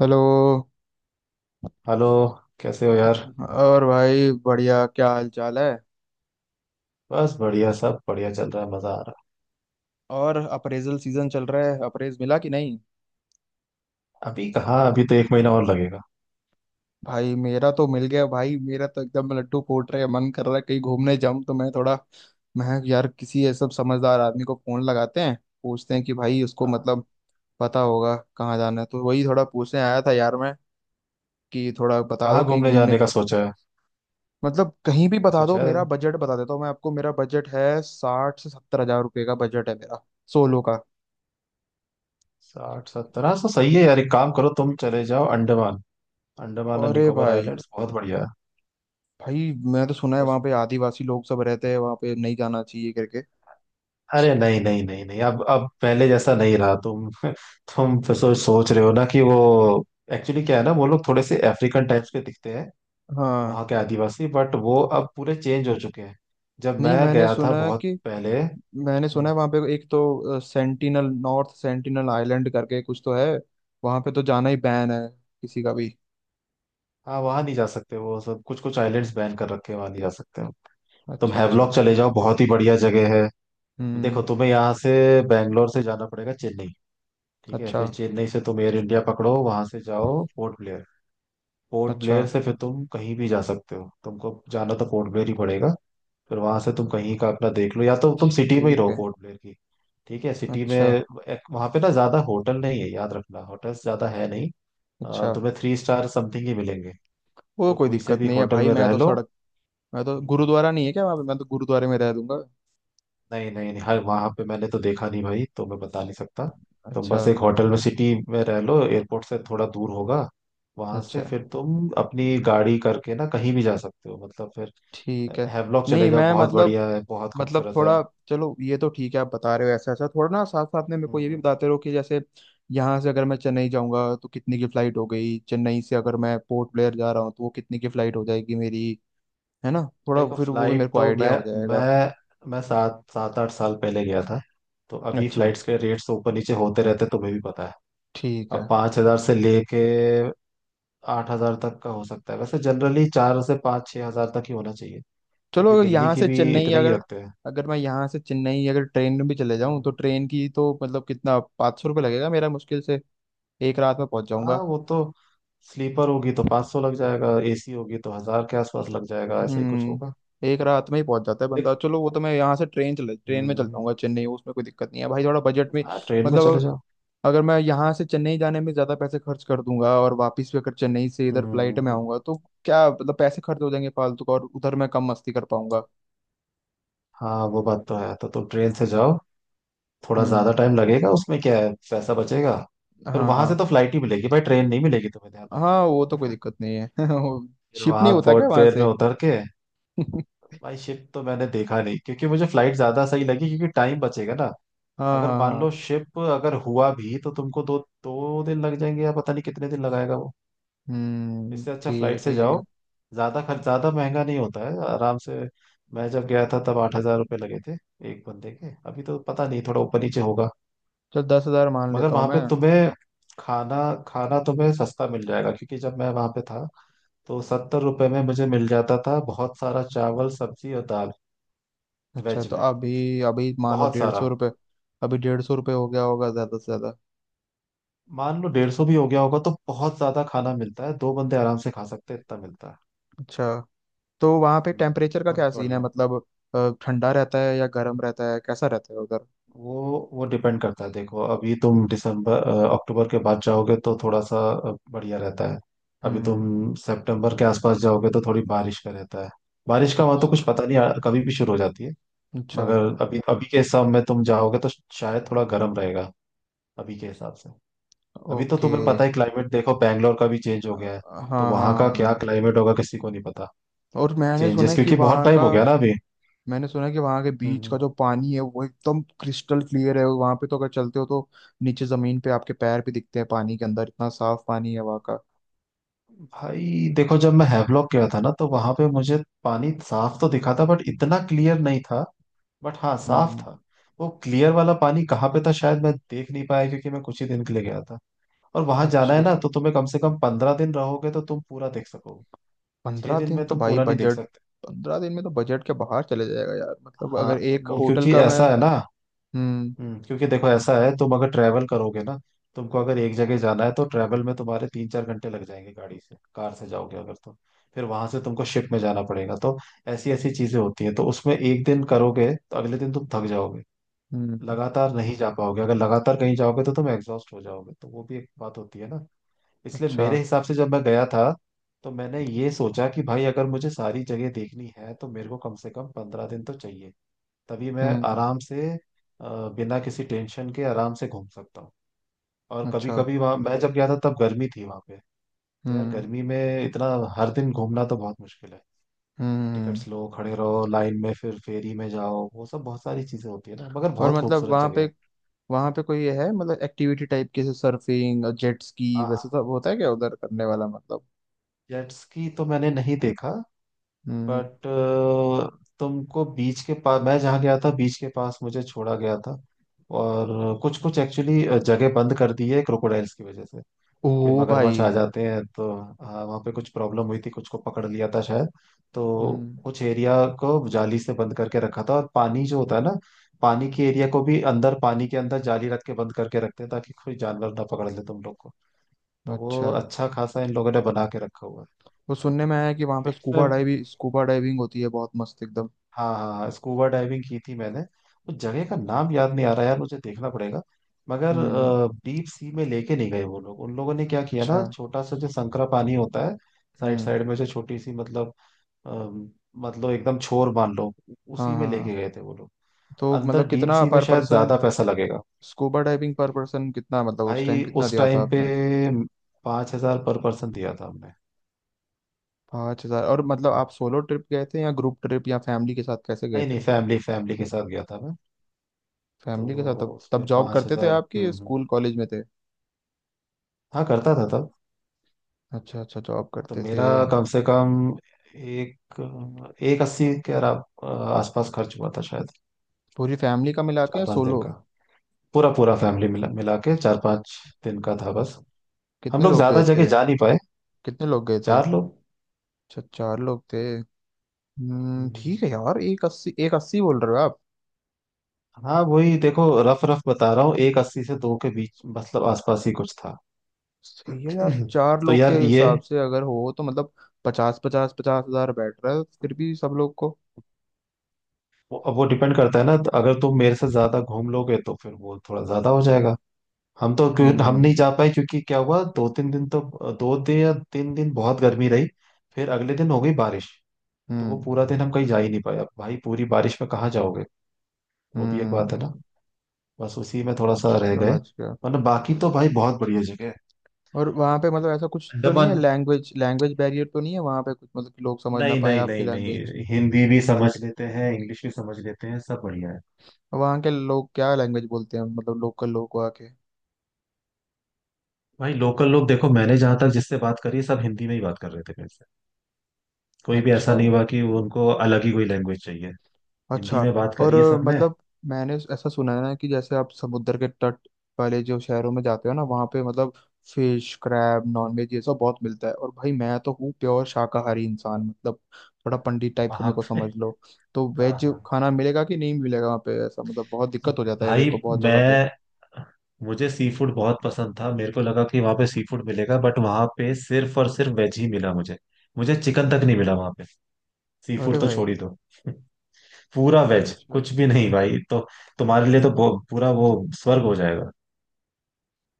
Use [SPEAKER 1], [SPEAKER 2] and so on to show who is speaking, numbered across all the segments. [SPEAKER 1] Hello.
[SPEAKER 2] Hello. कैसे हो यार?
[SPEAKER 1] और भाई बढ़िया, क्या हाल चाल है?
[SPEAKER 2] बस बढ़िया, सब बढ़िया चल रहा है, मजा आ रहा
[SPEAKER 1] और अप्रेजल सीजन चल रहा है, अप्रेज मिला कि नहीं?
[SPEAKER 2] है। अभी कहाँ? अभी तो एक महीना और लगेगा।
[SPEAKER 1] भाई मेरा तो मिल गया, भाई मेरा तो एकदम लड्डू फूट रहे हैं, मन कर रहा है कहीं घूमने जाऊं, तो मैं थोड़ा मैं कहा, यार किसी ऐसा समझदार आदमी को फोन लगाते हैं, पूछते हैं कि भाई उसको
[SPEAKER 2] हाँ,
[SPEAKER 1] मतलब पता होगा कहाँ जाना है, तो वही थोड़ा पूछने आया था यार मैं कि थोड़ा बता दो
[SPEAKER 2] कहाँ
[SPEAKER 1] कहीं
[SPEAKER 2] घूमने
[SPEAKER 1] घूमने।
[SPEAKER 2] जाने का सोचा है?
[SPEAKER 1] मतलब कहीं भी बता
[SPEAKER 2] कुछ
[SPEAKER 1] दो,
[SPEAKER 2] है?
[SPEAKER 1] मेरा बजट बता देता हूँ मैं आपको, मेरा बजट है 60 से 70 हजार रुपये का बजट है मेरा, सोलो का।
[SPEAKER 2] साठ सत्तर, हाँ तो सही है यार, एक काम करो, तुम चले जाओ अंडमान। अंडमान एंड
[SPEAKER 1] अरे
[SPEAKER 2] निकोबार
[SPEAKER 1] भाई,
[SPEAKER 2] आइलैंड्स बहुत बढ़िया है।
[SPEAKER 1] भाई मैं तो सुना है
[SPEAKER 2] बस,
[SPEAKER 1] वहाँ पे आदिवासी लोग सब रहते हैं, वहाँ पे नहीं जाना चाहिए करके।
[SPEAKER 2] अरे नहीं नहीं नहीं नहीं, अब पहले जैसा नहीं रहा तुम। तुम फिर सोच सोच रहे हो ना कि वो एक्चुअली क्या है ना, वो लोग थोड़े से अफ्रीकन टाइप्स के दिखते हैं,
[SPEAKER 1] हाँ।
[SPEAKER 2] वहाँ के आदिवासी। बट वो अब पूरे चेंज हो चुके हैं, जब
[SPEAKER 1] नहीं,
[SPEAKER 2] मैं
[SPEAKER 1] मैंने
[SPEAKER 2] गया था
[SPEAKER 1] सुना है
[SPEAKER 2] बहुत
[SPEAKER 1] कि
[SPEAKER 2] पहले।
[SPEAKER 1] मैंने सुना
[SPEAKER 2] हम्म,
[SPEAKER 1] है वहाँ पे एक तो सेंटिनल, नॉर्थ सेंटिनल आइलैंड करके कुछ तो है, वहाँ पे तो जाना ही बैन है किसी का भी।
[SPEAKER 2] हाँ वहां नहीं जा सकते, वो सब कुछ कुछ आइलैंड्स बैन कर रखे हैं, वहां नहीं जा सकते हो। तुम
[SPEAKER 1] अच्छा अच्छा।
[SPEAKER 2] हैवलॉक चले जाओ, बहुत ही बढ़िया जगह है। देखो
[SPEAKER 1] हम्म।
[SPEAKER 2] तुम्हें यहाँ से बैंगलोर से जाना पड़ेगा चेन्नई। ठीक है,
[SPEAKER 1] अच्छा
[SPEAKER 2] फिर चेन्नई से तुम एयर इंडिया पकड़ो, वहां से जाओ पोर्ट ब्लेयर। पोर्ट
[SPEAKER 1] अच्छा,
[SPEAKER 2] ब्लेयर से फिर तुम कहीं भी जा सकते हो, तुमको जाना तो पोर्ट ब्लेयर ही पड़ेगा। फिर वहां से तुम कहीं का अपना देख लो, या तो तुम सिटी में ही
[SPEAKER 1] ठीक
[SPEAKER 2] रहो
[SPEAKER 1] है।
[SPEAKER 2] पोर्ट ब्लेयर की। ठीक है, सिटी में
[SPEAKER 1] अच्छा
[SPEAKER 2] एक, वहां पे ना ज्यादा होटल नहीं है, याद रखना, होटल्स ज्यादा है नहीं।
[SPEAKER 1] अच्छा।
[SPEAKER 2] तुम्हें थ्री स्टार समथिंग ही मिलेंगे,
[SPEAKER 1] वो
[SPEAKER 2] तो
[SPEAKER 1] कोई
[SPEAKER 2] कोई से
[SPEAKER 1] दिक्कत
[SPEAKER 2] भी
[SPEAKER 1] नहीं है
[SPEAKER 2] होटल
[SPEAKER 1] भाई,
[SPEAKER 2] में
[SPEAKER 1] मैं
[SPEAKER 2] रह
[SPEAKER 1] तो
[SPEAKER 2] लो।
[SPEAKER 1] सड़क, मैं तो
[SPEAKER 2] हम्म।
[SPEAKER 1] गुरुद्वारा नहीं है क्या वहाँ पे? मैं तो गुरुद्वारे में रह दूंगा।
[SPEAKER 2] नहीं नहीं नहीं, हर वहां पे मैंने तो देखा नहीं भाई, तो मैं बता नहीं सकता। तुम
[SPEAKER 1] अच्छा
[SPEAKER 2] बस एक होटल में सिटी में रह लो, एयरपोर्ट से थोड़ा दूर होगा। वहां
[SPEAKER 1] अच्छा,
[SPEAKER 2] से फिर तुम अपनी गाड़ी करके ना कहीं भी जा सकते हो, मतलब फिर।
[SPEAKER 1] ठीक है।
[SPEAKER 2] हैवलॉक चले
[SPEAKER 1] नहीं,
[SPEAKER 2] जाओ,
[SPEAKER 1] मैं
[SPEAKER 2] बहुत
[SPEAKER 1] मतलब,
[SPEAKER 2] बढ़िया है, बहुत
[SPEAKER 1] मतलब
[SPEAKER 2] खूबसूरत है।
[SPEAKER 1] थोड़ा, चलो ये तो ठीक है, आप बता रहे हो ऐसा ऐसा, थोड़ा ना साथ साथ में मेरे को ये भी
[SPEAKER 2] हम्म,
[SPEAKER 1] बताते रहो कि जैसे यहाँ से अगर मैं चेन्नई जाऊंगा तो कितने की फ्लाइट हो गई, चेन्नई से अगर मैं पोर्ट ब्लेयर जा रहा हूँ तो वो कितने की फ्लाइट हो जाएगी मेरी, है ना? थोड़ा
[SPEAKER 2] देखो
[SPEAKER 1] फिर वो भी मेरे
[SPEAKER 2] फ्लाइट
[SPEAKER 1] को
[SPEAKER 2] तो
[SPEAKER 1] आइडिया
[SPEAKER 2] मैं
[SPEAKER 1] हो जाएगा।
[SPEAKER 2] मैं मैं सात सात आठ साल पहले गया था। तो अभी
[SPEAKER 1] अच्छा,
[SPEAKER 2] फ्लाइट्स के रेट्स तो ऊपर नीचे होते रहते हैं, तुम्हें भी पता है।
[SPEAKER 1] ठीक
[SPEAKER 2] अब
[SPEAKER 1] है।
[SPEAKER 2] 5,000 से लेके 8,000 तक का हो सकता है, वैसे जनरली चार से 5-6 हजार तक ही होना चाहिए,
[SPEAKER 1] चलो
[SPEAKER 2] क्योंकि
[SPEAKER 1] अगर
[SPEAKER 2] दिल्ली
[SPEAKER 1] यहाँ
[SPEAKER 2] की
[SPEAKER 1] से
[SPEAKER 2] भी
[SPEAKER 1] चेन्नई
[SPEAKER 2] इतना ही
[SPEAKER 1] अगर,
[SPEAKER 2] रखते हैं।
[SPEAKER 1] अगर मैं यहाँ से चेन्नई अगर ट्रेन में भी चले जाऊँ
[SPEAKER 2] हम्म,
[SPEAKER 1] तो ट्रेन की तो मतलब कितना, 500 रुपये लगेगा मेरा मुश्किल से, एक रात में पहुंच
[SPEAKER 2] हाँ
[SPEAKER 1] जाऊंगा।
[SPEAKER 2] वो तो, स्लीपर होगी तो 500 सौ लग जाएगा, एसी होगी तो हजार के आसपास लग जाएगा, ऐसा ही कुछ होगा।
[SPEAKER 1] हम्म, एक रात में ही पहुंच जाता है बंदा,
[SPEAKER 2] देख,
[SPEAKER 1] चलो वो तो, मैं यहाँ से ट्रेन, चले ट्रेन में चल
[SPEAKER 2] हम्म,
[SPEAKER 1] जाऊंगा चेन्नई, उसमें कोई दिक्कत नहीं है भाई, थोड़ा बजट में।
[SPEAKER 2] हाँ ट्रेन में चले
[SPEAKER 1] मतलब
[SPEAKER 2] जाओ।
[SPEAKER 1] अगर मैं यहाँ से चेन्नई जाने में ज्यादा पैसे खर्च कर दूंगा और वापस भी अगर चेन्नई से इधर फ्लाइट में
[SPEAKER 2] हम्म,
[SPEAKER 1] आऊंगा तो क्या मतलब पैसे खर्च हो जाएंगे फालतू का और उधर मैं कम मस्ती कर पाऊंगा।
[SPEAKER 2] हाँ वो बात तो है, तो तुम ट्रेन से जाओ, थोड़ा ज्यादा
[SPEAKER 1] हम्म,
[SPEAKER 2] टाइम लगेगा, उसमें क्या है, पैसा बचेगा। फिर
[SPEAKER 1] हाँ
[SPEAKER 2] वहां से
[SPEAKER 1] हाँ।
[SPEAKER 2] तो फ्लाइट ही मिलेगी भाई, ट्रेन नहीं मिलेगी, तुम्हें ध्यान
[SPEAKER 1] हाँ
[SPEAKER 2] रखना।
[SPEAKER 1] वो तो कोई दिक्कत नहीं है वो
[SPEAKER 2] फिर
[SPEAKER 1] शिप नहीं
[SPEAKER 2] वहां
[SPEAKER 1] होता क्या
[SPEAKER 2] पोर्ट
[SPEAKER 1] वहां
[SPEAKER 2] पेर में
[SPEAKER 1] से?
[SPEAKER 2] उतर के।
[SPEAKER 1] हाँ
[SPEAKER 2] भाई शिप तो मैंने देखा नहीं, क्योंकि मुझे फ्लाइट ज्यादा सही लगी, क्योंकि टाइम बचेगा ना।
[SPEAKER 1] हाँ
[SPEAKER 2] अगर मान
[SPEAKER 1] हाँ।
[SPEAKER 2] लो शिप अगर हुआ भी तो तुमको दो दो दिन लग जाएंगे, या पता नहीं कितने दिन लगाएगा वो।
[SPEAKER 1] हम्म,
[SPEAKER 2] इससे अच्छा
[SPEAKER 1] ठीक है
[SPEAKER 2] फ्लाइट से
[SPEAKER 1] ठीक है।
[SPEAKER 2] जाओ, ज्यादा खर्च ज्यादा महंगा नहीं होता है आराम से। मैं जब गया था तब 8,000 रुपये लगे थे एक बंदे के, अभी तो पता नहीं, थोड़ा ऊपर नीचे होगा।
[SPEAKER 1] चल 10 हजार मान
[SPEAKER 2] मगर
[SPEAKER 1] लेता हूँ
[SPEAKER 2] वहां पे
[SPEAKER 1] मैं।
[SPEAKER 2] तुम्हें खाना खाना तुम्हें सस्ता मिल जाएगा, क्योंकि जब मैं वहां पे था, तो 70 रुपए में मुझे मिल जाता था बहुत सारा चावल सब्जी और दाल।
[SPEAKER 1] अच्छा
[SPEAKER 2] वेज
[SPEAKER 1] तो
[SPEAKER 2] में,
[SPEAKER 1] अभी अभी मान लो
[SPEAKER 2] बहुत
[SPEAKER 1] डेढ़
[SPEAKER 2] सारा।
[SPEAKER 1] सौ रुपये अभी 150 रुपये हो गया होगा ज़्यादा से ज़्यादा।
[SPEAKER 2] मान लो 150 भी हो गया होगा, तो बहुत ज्यादा खाना मिलता है, 2 बंदे आराम से खा सकते हैं इतना मिलता है।
[SPEAKER 1] अच्छा, तो वहाँ पे
[SPEAKER 2] हम्म।
[SPEAKER 1] टेम्परेचर का क्या
[SPEAKER 2] बहुत
[SPEAKER 1] सीन है
[SPEAKER 2] बढ़िया।
[SPEAKER 1] मतलब, ठंडा रहता है या गर्म रहता है, कैसा रहता है उधर?
[SPEAKER 2] वो डिपेंड करता है, देखो अभी तुम दिसंबर अक्टूबर के बाद जाओगे तो थोड़ा सा बढ़िया रहता है। अभी
[SPEAKER 1] हम्म।
[SPEAKER 2] तुम सितंबर के आसपास जाओगे तो थोड़ी बारिश का रहता है। बारिश का वहां तो
[SPEAKER 1] अच्छा
[SPEAKER 2] कुछ पता नहीं, कभी भी शुरू हो जाती है।
[SPEAKER 1] अच्छा।
[SPEAKER 2] मगर अभी अभी के हिसाब में तुम जाओगे तो शायद थोड़ा गर्म रहेगा, अभी के हिसाब से। अभी तो
[SPEAKER 1] ओके।
[SPEAKER 2] तुम्हें पता है क्लाइमेट, देखो बैंगलोर का भी चेंज हो गया है,
[SPEAKER 1] हाँ
[SPEAKER 2] तो
[SPEAKER 1] हाँ
[SPEAKER 2] वहां का क्या
[SPEAKER 1] हाँ।
[SPEAKER 2] क्लाइमेट होगा किसी को नहीं पता।
[SPEAKER 1] और मैंने सुना
[SPEAKER 2] चेंजेस,
[SPEAKER 1] है कि
[SPEAKER 2] क्योंकि बहुत
[SPEAKER 1] वहाँ
[SPEAKER 2] टाइम
[SPEAKER 1] का,
[SPEAKER 2] हो गया ना अभी।
[SPEAKER 1] मैंने सुना है कि वहाँ के बीच का
[SPEAKER 2] हम्म।
[SPEAKER 1] जो पानी है वो एकदम क्रिस्टल क्लियर है, वहाँ पे तो अगर चलते हो तो नीचे ज़मीन पे आपके पैर भी दिखते हैं पानी के अंदर, इतना साफ पानी है वहाँ का।
[SPEAKER 2] भाई देखो जब मैं हैवलॉक गया था ना तो वहां पे मुझे पानी साफ तो दिखा था, बट इतना क्लियर नहीं था, बट हाँ साफ
[SPEAKER 1] हम्म।
[SPEAKER 2] था। वो क्लियर वाला पानी कहाँ पे था शायद मैं देख नहीं पाया, क्योंकि मैं कुछ ही दिन के लिए गया था। और वहां जाना है
[SPEAKER 1] अच्छा,
[SPEAKER 2] ना तो तुम्हें कम से कम 15 दिन रहोगे तो तुम पूरा देख सकोगे। छह
[SPEAKER 1] पंद्रह
[SPEAKER 2] दिन
[SPEAKER 1] दिन
[SPEAKER 2] में
[SPEAKER 1] तो
[SPEAKER 2] तुम
[SPEAKER 1] भाई
[SPEAKER 2] पूरा नहीं देख
[SPEAKER 1] बजट,
[SPEAKER 2] सकते।
[SPEAKER 1] 15 दिन में तो बजट के बाहर चले जाएगा यार, मतलब
[SPEAKER 2] हाँ,
[SPEAKER 1] अगर एक
[SPEAKER 2] वो
[SPEAKER 1] होटल
[SPEAKER 2] क्योंकि
[SPEAKER 1] का मैं,
[SPEAKER 2] ऐसा है ना।
[SPEAKER 1] हम्म
[SPEAKER 2] क्योंकि देखो ऐसा है, तुम अगर ट्रैवल करोगे ना, तुमको अगर एक जगह जाना है तो ट्रैवल में तुम्हारे 3-4 घंटे लग जाएंगे, गाड़ी से कार से जाओगे अगर तो। फिर वहां से तुमको शिप में जाना पड़ेगा, तो ऐसी ऐसी चीजें होती हैं, तो उसमें एक दिन करोगे तो अगले दिन तुम थक जाओगे,
[SPEAKER 1] हम्म।
[SPEAKER 2] लगातार नहीं जा पाओगे। अगर लगातार कहीं जाओगे तो तुम एग्जॉस्ट हो जाओगे, तो वो भी एक बात होती है ना। इसलिए
[SPEAKER 1] अच्छा।
[SPEAKER 2] मेरे हिसाब से, जब मैं गया था तो मैंने ये सोचा कि भाई अगर मुझे सारी जगह देखनी है तो मेरे को कम से कम 15 दिन तो चाहिए, तभी मैं
[SPEAKER 1] हम्म।
[SPEAKER 2] आराम से अ, बिना किसी टेंशन के आराम से घूम सकता हूँ। और कभी
[SPEAKER 1] अच्छा।
[SPEAKER 2] कभी, वहाँ मैं जब गया था तब गर्मी थी वहाँ पे, तो यार
[SPEAKER 1] हम्म
[SPEAKER 2] गर्मी में इतना हर दिन घूमना तो बहुत मुश्किल है।
[SPEAKER 1] हम्म।
[SPEAKER 2] टिकट्स लो, खड़े रहो लाइन में, फिर फेरी में जाओ, वो सब बहुत सारी चीजें होती है ना, मगर
[SPEAKER 1] और
[SPEAKER 2] बहुत
[SPEAKER 1] मतलब
[SPEAKER 2] खूबसूरत
[SPEAKER 1] वहाँ
[SPEAKER 2] जगह
[SPEAKER 1] पे,
[SPEAKER 2] है।
[SPEAKER 1] वहाँ पे कोई ये है मतलब एक्टिविटी टाइप के, सर्फिंग, जेट स्की,
[SPEAKER 2] हाँ हाँ,
[SPEAKER 1] वैसे सब होता है क्या उधर करने वाला मतलब?
[SPEAKER 2] जेट स्की तो मैंने नहीं देखा।
[SPEAKER 1] हम्म।
[SPEAKER 2] बट तुमको बीच के पास, मैं जहाँ गया था बीच के पास मुझे छोड़ा गया था, और कुछ कुछ एक्चुअली जगह बंद कर दी है क्रोकोडाइल्स की वजह से, कि
[SPEAKER 1] ओ
[SPEAKER 2] मगरमच्छ आ
[SPEAKER 1] भाई।
[SPEAKER 2] जाते हैं तो। हाँ वहाँ पे कुछ प्रॉब्लम हुई थी, कुछ को पकड़ लिया था शायद, तो
[SPEAKER 1] हम्म।
[SPEAKER 2] कुछ एरिया को जाली से बंद करके रखा था। और पानी जो होता है ना, पानी के एरिया को भी, अंदर पानी के अंदर जाली रख के बंद करके रखते हैं, ताकि कोई जानवर ना पकड़ ले तुम लोग को। तो वो
[SPEAKER 1] अच्छा,
[SPEAKER 2] अच्छा खासा इन लोगों ने बना के रखा हुआ है।
[SPEAKER 1] वो सुनने में आया है कि वहाँ पे
[SPEAKER 2] इवेंट्स में,
[SPEAKER 1] स्कूबा डाइविंग, स्कूबा डाइविंग होती है बहुत मस्त एकदम।
[SPEAKER 2] हाँ हाँ स्कूबा डाइविंग की थी मैंने। उस जगह का नाम याद नहीं आ रहा यार, मुझे देखना पड़ेगा। मगर
[SPEAKER 1] हम्म।
[SPEAKER 2] डीप सी में लेके नहीं गए वो लोग, उन लोगों ने क्या किया
[SPEAKER 1] अच्छा।
[SPEAKER 2] ना, छोटा सा जो संकरा पानी होता है साइड
[SPEAKER 1] हम्म।
[SPEAKER 2] साइड में, जो छोटी सी, मतलब अम, मतलब एकदम छोर मान लो, उसी
[SPEAKER 1] हाँ
[SPEAKER 2] में
[SPEAKER 1] हाँ हाँ।
[SPEAKER 2] लेके गए थे वो लोग।
[SPEAKER 1] तो
[SPEAKER 2] अंदर
[SPEAKER 1] मतलब
[SPEAKER 2] डीप
[SPEAKER 1] कितना
[SPEAKER 2] सी में
[SPEAKER 1] पर
[SPEAKER 2] शायद
[SPEAKER 1] पर्सन,
[SPEAKER 2] ज्यादा पैसा लगेगा।
[SPEAKER 1] स्कूबा डाइविंग पर पर्सन कितना, मतलब उस टाइम
[SPEAKER 2] भाई
[SPEAKER 1] कितना
[SPEAKER 2] उस
[SPEAKER 1] दिया था
[SPEAKER 2] टाइम पे
[SPEAKER 1] आपने?
[SPEAKER 2] 5,000 पर पर्सन दिया था हमने।
[SPEAKER 1] 5 हजार, और मतलब आप सोलो ट्रिप गए थे या ग्रुप ट्रिप या फैमिली के साथ कैसे गए
[SPEAKER 2] नहीं
[SPEAKER 1] थे?
[SPEAKER 2] नहीं, फैमिली फैमिली के साथ गया था मैं। तो
[SPEAKER 1] फैमिली के साथ, तब तब
[SPEAKER 2] उसमें
[SPEAKER 1] जॉब
[SPEAKER 2] पांच
[SPEAKER 1] करते थे
[SPEAKER 2] हजार
[SPEAKER 1] आपकी? स्कूल कॉलेज में थे?
[SPEAKER 2] हाँ करता था तब।
[SPEAKER 1] अच्छा अच्छा जॉब
[SPEAKER 2] तो
[SPEAKER 1] करते थे।
[SPEAKER 2] मेरा कम से कम एक एक अस्सी के आसपास खर्च हुआ था शायद,
[SPEAKER 1] पूरी फैमिली का मिला के
[SPEAKER 2] चार
[SPEAKER 1] या
[SPEAKER 2] पांच दिन
[SPEAKER 1] सोलो?
[SPEAKER 2] का। पूरा पूरा फैमिली मिला मिला के 4-5 दिन का था बस। हम
[SPEAKER 1] कितने
[SPEAKER 2] लोग
[SPEAKER 1] लोग
[SPEAKER 2] ज्यादा
[SPEAKER 1] गए
[SPEAKER 2] जगह
[SPEAKER 1] थे?
[SPEAKER 2] जा नहीं पाए।
[SPEAKER 1] कितने लोग गए थे?
[SPEAKER 2] 4 लोग।
[SPEAKER 1] अच्छा चार लोग थे।
[SPEAKER 2] हम्म।
[SPEAKER 1] ठीक है यार, एक अस्सी, एक अस्सी बोल रहे हो आप।
[SPEAKER 2] हाँ वही, देखो रफ रफ बता रहा हूँ, एक अस्सी से दो के बीच, मतलब आसपास ही कुछ था।
[SPEAKER 1] सही है यार, चार
[SPEAKER 2] तो
[SPEAKER 1] लोग के
[SPEAKER 2] यार ये
[SPEAKER 1] हिसाब से अगर हो तो मतलब पचास पचास पचास हजार बैठ रहा है फिर भी सब लोग को।
[SPEAKER 2] अब वो डिपेंड करता है ना, तो अगर तुम मेरे से ज्यादा घूम लोगे तो फिर वो थोड़ा ज्यादा हो जाएगा। हम तो क्यों हम नहीं
[SPEAKER 1] हम्म
[SPEAKER 2] जा पाए, क्योंकि क्या हुआ, 2-3 दिन तो, 2 दिन या 3 दिन बहुत गर्मी रही, फिर अगले दिन हो गई बारिश। तो वो
[SPEAKER 1] हम्म।
[SPEAKER 2] पूरा दिन हम कहीं जा ही नहीं पाए, अब भाई पूरी बारिश में कहाँ जाओगे? वो भी एक बात
[SPEAKER 1] हम्म,
[SPEAKER 2] है ना। बस उसी में थोड़ा सा रह गए,
[SPEAKER 1] समझ गया।
[SPEAKER 2] वरना बाकी तो भाई बहुत बढ़िया जगह है।
[SPEAKER 1] और वहाँ पे मतलब ऐसा कुछ तो नहीं है,
[SPEAKER 2] अंडमान।
[SPEAKER 1] लैंग्वेज, लैंग्वेज बैरियर तो नहीं है वहाँ पे कुछ मतलब कि लोग समझ ना
[SPEAKER 2] नहीं
[SPEAKER 1] पाए
[SPEAKER 2] नहीं
[SPEAKER 1] आपकी
[SPEAKER 2] नहीं
[SPEAKER 1] लैंग्वेज?
[SPEAKER 2] नहीं, हिंदी भी समझ लेते हैं, इंग्लिश भी समझ लेते हैं, सब बढ़िया है।
[SPEAKER 1] वहाँ के लोग क्या लैंग्वेज बोलते हैं, मतलब लोकल लोग वहाँ के?
[SPEAKER 2] भाई लोकल लोग देखो, मैंने जहां तक जिससे बात करी, सब हिंदी में ही बात कर रहे थे मेरे से। कोई भी ऐसा
[SPEAKER 1] अच्छा
[SPEAKER 2] नहीं हुआ कि वो उनको अलग ही कोई लैंग्वेज चाहिए। हिंदी
[SPEAKER 1] अच्छा।
[SPEAKER 2] में बात
[SPEAKER 1] और
[SPEAKER 2] करी है सबने,
[SPEAKER 1] मतलब मैंने ऐसा सुना है ना कि जैसे आप समुद्र के तट वाले जो शहरों में जाते हो ना, वहाँ पे मतलब फिश, क्रैब, नॉनवेज, ये सब बहुत मिलता है, और भाई मैं तो हूँ प्योर शाकाहारी इंसान, मतलब थोड़ा पंडित टाइप का
[SPEAKER 2] वहां
[SPEAKER 1] मेरे को समझ
[SPEAKER 2] पे।
[SPEAKER 1] लो। तो
[SPEAKER 2] हाँ
[SPEAKER 1] वेज
[SPEAKER 2] हाँ
[SPEAKER 1] खाना मिलेगा कि नहीं मिलेगा वहाँ पे? ऐसा मतलब बहुत दिक्कत हो जाता है मेरे
[SPEAKER 2] भाई,
[SPEAKER 1] को बहुत जगह पे।
[SPEAKER 2] मैं मुझे सी फूड बहुत पसंद था, मेरे को लगा कि वहां पे सी फूड मिलेगा, बट वहां पे सिर्फ और सिर्फ वेज ही मिला मुझे मुझे चिकन तक नहीं मिला वहां पे, सी
[SPEAKER 1] अरे
[SPEAKER 2] फूड तो
[SPEAKER 1] भाई।
[SPEAKER 2] छोड़ ही दो। पूरा वेज,
[SPEAKER 1] अच्छा,
[SPEAKER 2] कुछ भी नहीं भाई। तो तुम्हारे लिए तो पूरा वो स्वर्ग हो जाएगा।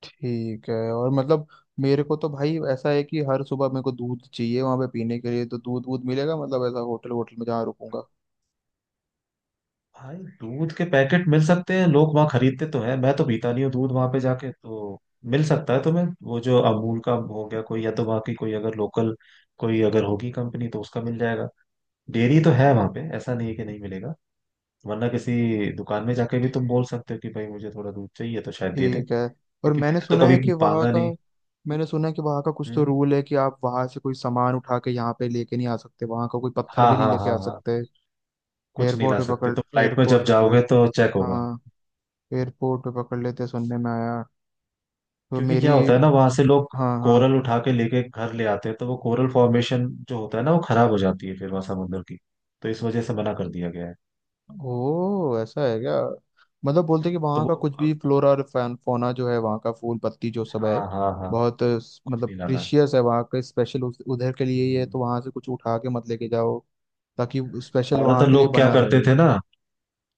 [SPEAKER 1] ठीक है, और मतलब मेरे को तो भाई ऐसा है कि हर सुबह मेरे को दूध चाहिए वहाँ पे पीने के लिए, तो दूध वूध मिलेगा, मतलब ऐसा होटल होटल में जहाँ रुकूंगा?
[SPEAKER 2] भाई दूध के पैकेट मिल सकते हैं, लोग वहां खरीदते तो हैं, मैं तो पीता नहीं हूँ दूध वहां पे जाके, तो मिल सकता है तुम्हें। वो जो अमूल का हो गया कोई, या तो वहाँ की कोई अगर लोकल कोई अगर होगी कंपनी तो उसका मिल जाएगा। डेयरी तो है वहां पे, ऐसा नहीं है कि नहीं मिलेगा। वरना किसी दुकान में जाके भी तुम बोल सकते हो कि भाई मुझे थोड़ा दूध चाहिए, तो शायद दे दें,
[SPEAKER 1] ठीक है। और
[SPEAKER 2] क्योंकि
[SPEAKER 1] मैंने
[SPEAKER 2] मैंने तो
[SPEAKER 1] सुना है
[SPEAKER 2] कभी
[SPEAKER 1] कि वहाँ
[SPEAKER 2] मांगा
[SPEAKER 1] का,
[SPEAKER 2] नहीं।
[SPEAKER 1] मैंने सुना है कि वहाँ का कुछ तो
[SPEAKER 2] हम्म,
[SPEAKER 1] रूल है कि आप वहाँ से कोई सामान उठा के यहाँ पे लेके नहीं आ सकते, वहाँ का कोई पत्थर
[SPEAKER 2] हाँ
[SPEAKER 1] भी नहीं
[SPEAKER 2] हाँ
[SPEAKER 1] लेके आ
[SPEAKER 2] हाँ हाँ,
[SPEAKER 1] सकते।
[SPEAKER 2] कुछ नहीं
[SPEAKER 1] एयरपोर्ट
[SPEAKER 2] ला
[SPEAKER 1] पे
[SPEAKER 2] सकते, तो
[SPEAKER 1] पकड़,
[SPEAKER 2] फ्लाइट में
[SPEAKER 1] एयरपोर्ट
[SPEAKER 2] जब
[SPEAKER 1] पे,
[SPEAKER 2] जाओगे तो चेक
[SPEAKER 1] हाँ,
[SPEAKER 2] होगा।
[SPEAKER 1] एयरपोर्ट पे पकड़ लेते सुनने में आया। तो
[SPEAKER 2] क्योंकि
[SPEAKER 1] मेरी,
[SPEAKER 2] क्या होता है ना, वहां से लोग
[SPEAKER 1] हाँ हाँ।
[SPEAKER 2] कोरल उठा के लेके घर ले आते हैं, तो वो कोरल फॉर्मेशन जो होता है ना, वो खराब हो जाती है फिर वहां समुद्र की। तो इस वजह से मना कर दिया गया है।
[SPEAKER 1] ओ, ऐसा है क्या? मतलब बोलते कि
[SPEAKER 2] तो
[SPEAKER 1] वहाँ
[SPEAKER 2] वो
[SPEAKER 1] का कुछ भी फ्लोरा और फौना जो है वहाँ का, फूल पत्ती जो सब है,
[SPEAKER 2] हाँ हाँ हाँ,
[SPEAKER 1] बहुत
[SPEAKER 2] कुछ
[SPEAKER 1] मतलब
[SPEAKER 2] नहीं लाना है।
[SPEAKER 1] प्रीशियस है वहाँ का, स्पेशल उधर के लिए ही है
[SPEAKER 2] हम्म।
[SPEAKER 1] तो वहाँ से कुछ उठा के मत लेके जाओ, ताकि स्पेशल वहां
[SPEAKER 2] ज्यादातर
[SPEAKER 1] के लिए
[SPEAKER 2] लोग क्या
[SPEAKER 1] बना
[SPEAKER 2] करते
[SPEAKER 1] रहे।
[SPEAKER 2] थे ना,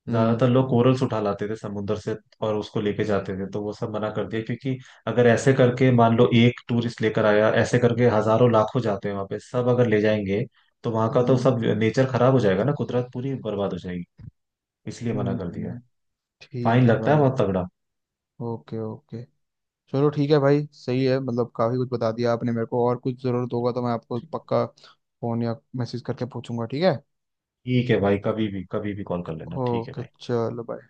[SPEAKER 1] हम्म।
[SPEAKER 2] ज्यादातर लोग कोरल्स उठा लाते थे समुद्र से और उसको लेके जाते थे, तो वो सब मना कर दिया। क्योंकि अगर ऐसे करके मान लो एक टूरिस्ट लेकर आया, ऐसे करके हजारों लाखों जाते हैं वहां पे, सब अगर ले जाएंगे तो वहां का तो
[SPEAKER 1] हम्म।
[SPEAKER 2] सब नेचर खराब हो जाएगा ना, कुदरत पूरी बर्बाद हो जाएगी। इसलिए मना कर दिया है।
[SPEAKER 1] हम्म, ठीक
[SPEAKER 2] फाइन
[SPEAKER 1] है
[SPEAKER 2] लगता है
[SPEAKER 1] भाई।
[SPEAKER 2] बहुत तगड़ा।
[SPEAKER 1] Okay okay. चलो ठीक है भाई, सही है, मतलब काफी कुछ बता दिया आपने मेरे को, और कुछ जरूरत होगा तो मैं आपको पक्का फोन या मैसेज करके पूछूंगा, ठीक है?
[SPEAKER 2] ठीक है भाई, कभी भी कभी भी कॉल कर लेना, ठीक है
[SPEAKER 1] ओके
[SPEAKER 2] भाई।
[SPEAKER 1] चलो भाई।